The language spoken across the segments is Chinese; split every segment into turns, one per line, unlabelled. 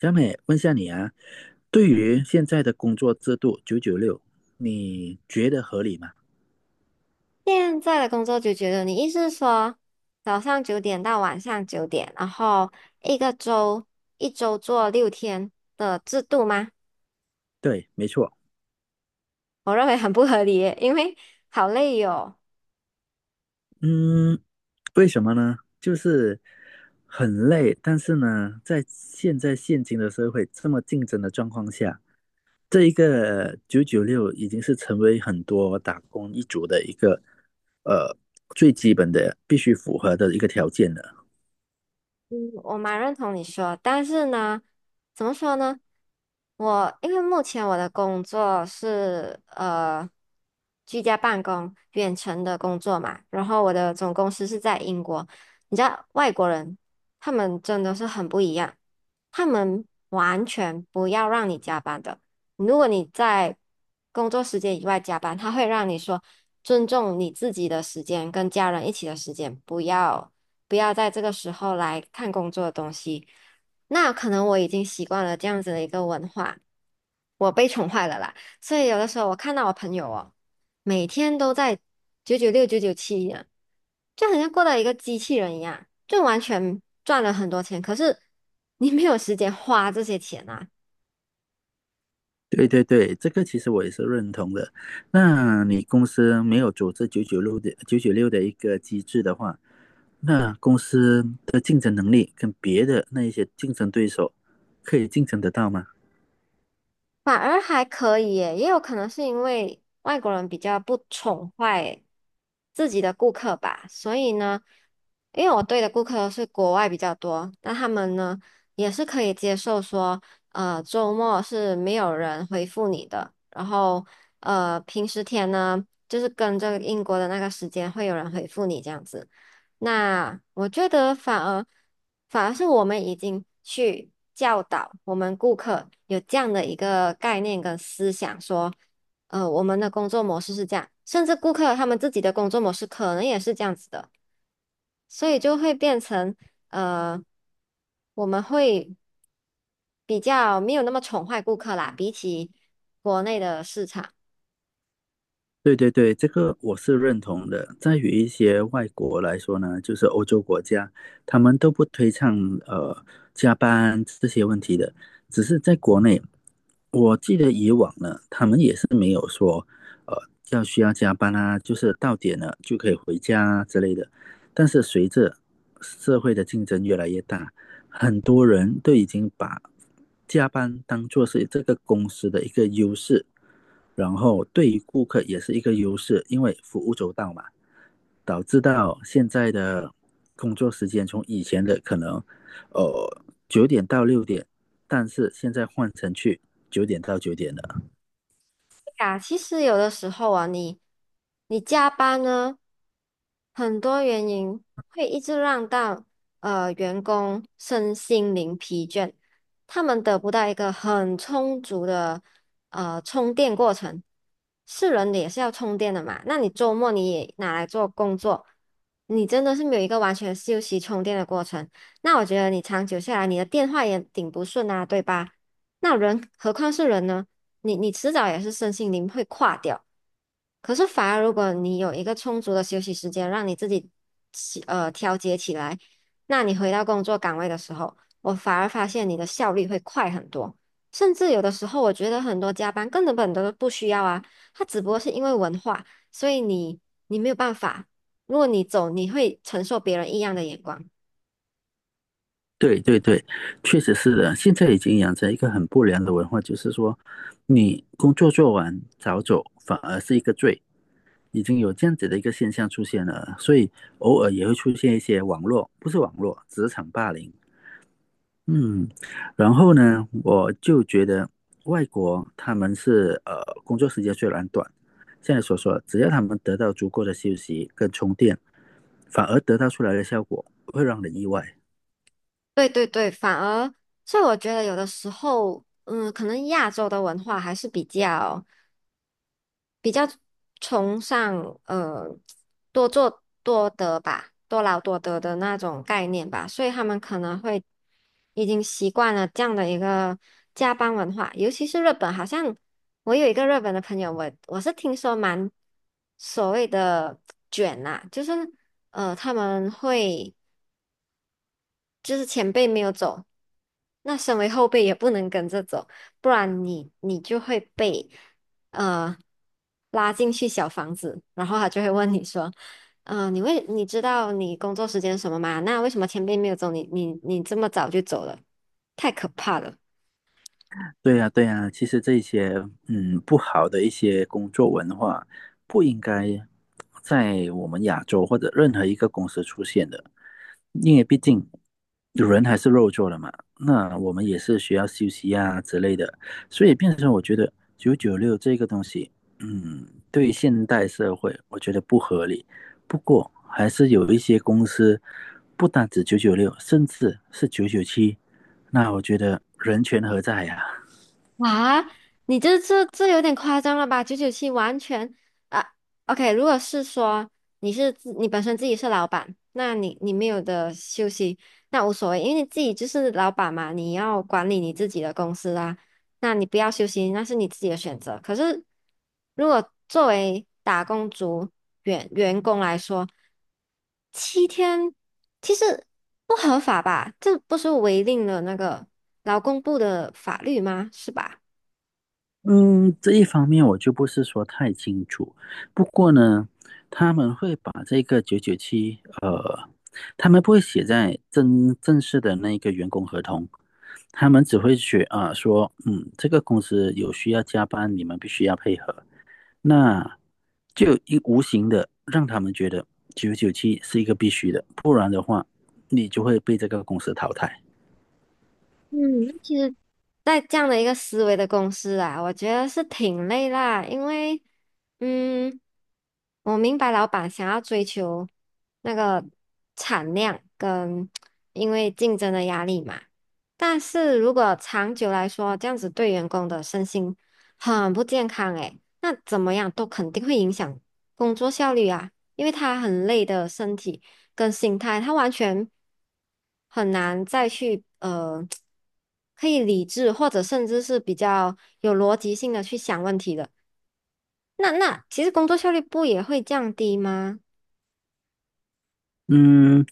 小美，问下你啊，对于现在的工作制度九九六，你觉得合理吗？
现在的工作就觉得，你意思是说早上九点到晚上九点，然后一个周一周做6天的制度吗？
对，没错。
我认为很不合理耶，因为好累哟。
嗯。为什么呢？就是很累，但是呢，在现今的社会这么竞争的状况下，这一个九九六已经是成为很多打工一族的一个呃最基本的必须符合的一个条件了。
嗯，我蛮认同你说，但是呢，怎么说呢？我因为目前我的工作是居家办公、远程的工作嘛，然后我的总公司是在英国。你知道外国人他们真的是很不一样，他们完全不要让你加班的。如果你在工作时间以外加班，他会让你说尊重你自己的时间跟家人一起的时间，不要。不要在这个时候来看工作的东西。那可能我已经习惯了这样子的一个文化，我被宠坏了啦。所以有的时候我看到我朋友哦，每天都在996、九九七一样，就好像过了一个机器人一样，就完全赚了很多钱，可是你没有时间花这些钱啊。
对对对，这个其实我也是认同的。那你公司没有组织九九六的一个机制的话，那公司的竞争能力跟别的那一些竞争对手可以竞争得到吗？
反而还可以耶，也有可能是因为外国人比较不宠坏自己的顾客吧，所以呢，因为我对的顾客都是国外比较多，那他们呢也是可以接受说，周末是没有人回复你的，然后平时天呢，就是跟着英国的那个时间会有人回复你这样子。那我觉得反而是我们已经去教导我们顾客有这样的一个概念跟思想，说，我们的工作模式是这样，甚至顾客他们自己的工作模式可能也是这样子的，所以就会变成呃，我们会比较没有那么宠坏顾客啦，比起国内的市场。
对对对，这个我是认同的。在于一些外国来说呢，就是欧洲国家，他们都不推倡呃加班这些问题的。只是在国内，我记得以往呢，他们也是没有说呃要需要加班啊，就是到点了就可以回家啊之类的。但是随着社会的竞争越来越大，很多人都已经把加班当做是这个公司的一个优势，然后对于顾客也是一个优势，因为服务周到嘛，导致到现在的工作时间从以前的可能呃9点到6点，但是现在换成去9点到9点了。
啊，其实有的时候啊，你加班呢，很多原因会一直让到员工身心灵疲倦，他们得不到一个很充足的充电过程。是人的也是要充电的嘛，那你周末你也拿来做工作，你真的是没有一个完全休息充电的过程。那我觉得你长久下来，你的电话也顶不顺啊，对吧？那人何况是人呢？你迟早也是身心灵会垮掉。可是反而如果你有一个充足的休息时间，让你自己调节起来，那你回到工作岗位的时候，我反而发现你的效率会快很多。甚至有的时候，我觉得很多加班根本都不需要啊，它只不过是因为文化，所以你没有办法。如果你走，你会承受别人异样的眼光。
对对对，确实是的，现在已经养成一个很不良的文化，就是说你工作做完早走反而是一个罪。已经有这样子的一个现象出现了，所以偶尔也会出现一些网络，不是网络，职场霸凌。嗯。然后呢，我就觉得外国他们是工作时间虽然短，现在所说只要他们得到足够的休息跟充电，反而得到出来的效果会让人意外。
对对对，反而，所以我觉得有的时候，可能亚洲的文化还是比较。崇尚多做多得吧，多劳多得的那种概念吧，所以他们可能会已经习惯了这样的一个加班文化，尤其是日本，好像我有一个日本的朋友，我是听说蛮所谓的 卷呐，就是他们会。就是前辈没有走，那身为后辈也不能跟着走，不然你就会被呃拉进去小房子，然后他就会问你说，你知道你工作时间是什么吗？那为什么前辈没有走，你这么早就走了？太可怕了。
对呀，对呀，其实这些不好的一些工作文化，不应该在我们亚洲或者任何一个公司出现的，因为毕竟人还是肉做的嘛，那我们也是需要休息啊之类的，所以变成我觉得九九六这个东西，对现代社会我觉得不合理，不过还是有一些公司不单止九九六，甚至是九九七，那我觉得人权何在呀、
哇，你这有点夸张了吧？九九七完全啊，OK，如果是说你本身自己是老板，那你没有的休息，那无所谓，因为你自己就是老板嘛，你要管理你自己的公司啊，那你不要休息，那是你自己的选择。可是如果作为打工族员工来说，7天其实不合法吧？这不是违令了那个劳工部的法律吗？是吧？
嗯，这一方面我就不是说太清楚，不过呢，他们会把这个九九七，他们不会写在正式的那个员工合同，他们只会写啊、说，这个公司有需要加班，你们必须要配合，那就一无形的让他们觉得九九七是一个必须的，不然的话，你就会被这个公司淘汰。
嗯，那其实，在这样的一个思维的公司啊，我觉得是挺累啦，因为，嗯，我明白老板想要追求那个产量跟因为竞争的压力嘛，但是如果长久来说，这样子对员工的身心很不健康诶，那怎么样都肯定会影响工作效率啊，因为他很累的身体。跟心态，他完全很难再去可以理智或者甚至是比较有逻辑性的去想问题的。那其实工作效率不也会降低吗？
嗯，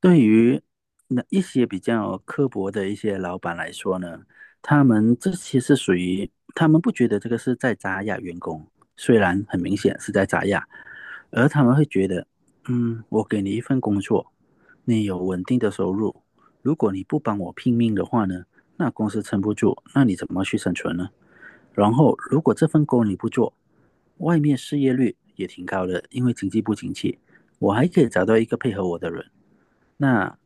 对于那一些比较刻薄的一些老板来说呢，他们这些是属于他们不觉得这个是在砸压员工，虽然很明显是在砸压，而他们会觉得，我给你一份工作，你有稳定的收入，如果你不帮我拼命的话呢，那公司撑不住，那你怎么去生存呢？然后，如果这份工你不做，外面失业率也挺高的，因为经济不景气，我还可以找到一个配合我的人。那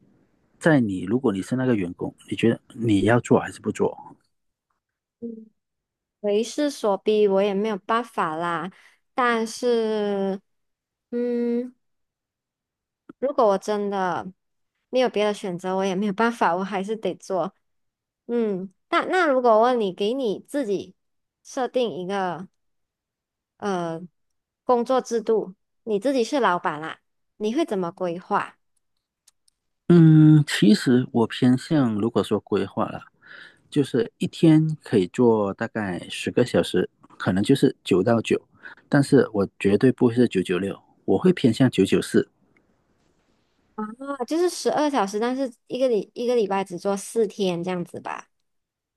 在你，如果你是那个员工，你觉得你要做还是不做？
嗯，为势所逼，我也没有办法啦。但是，嗯，如果我真的没有别的选择，我也没有办法，我还是得做。那如果问你，给你自己设定一个。呃工作制度，你自己是老板啦，你会怎么规划？
嗯，其实我偏向，如果说规划了，就是一天可以做大概十个小时，可能就是九到九，但是我绝对不会是九九六，我会偏向994。
啊，就是12小时，但是一个礼拜只做4天这样子吧。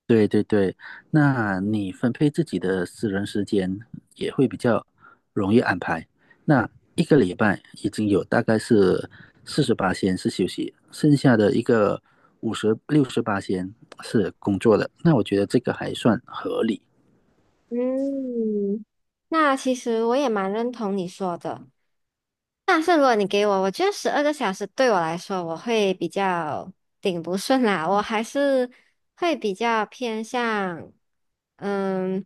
对对对，那你分配自己的私人时间也会比较容易安排。那一个礼拜已经有大概是48天是休息，剩下的一个五十六十八天是工作的。那我觉得这个还算合理。
嗯，那其实我也蛮认同你说的，但是如果你给我，我觉得12个小时对我来说，我会比较顶不顺啦，我还是会比较偏向。嗯，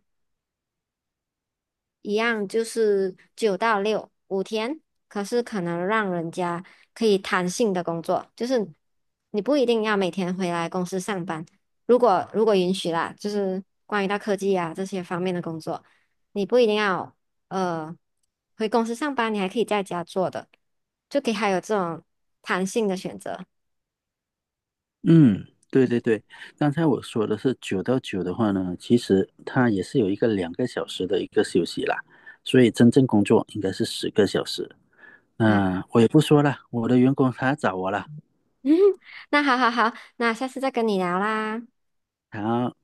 一样就是9到65天，可是可能让人家可以弹性的工作，就是你不一定要每天回来公司上班。如果允许啦，就是关于到科技啊这些方面的工作，你不一定要呃回公司上班，你还可以在家做的，就可以还有这种弹性的选择
嗯，对对对，刚才我说的是九到九的话呢，其实它也是有一个2个小时的一个休息啦，所以真正工作应该是十个小时。
啊。
那我也不说了，我的员工他找我了。
嗯，那好好好，那下次再跟你聊啦。
好。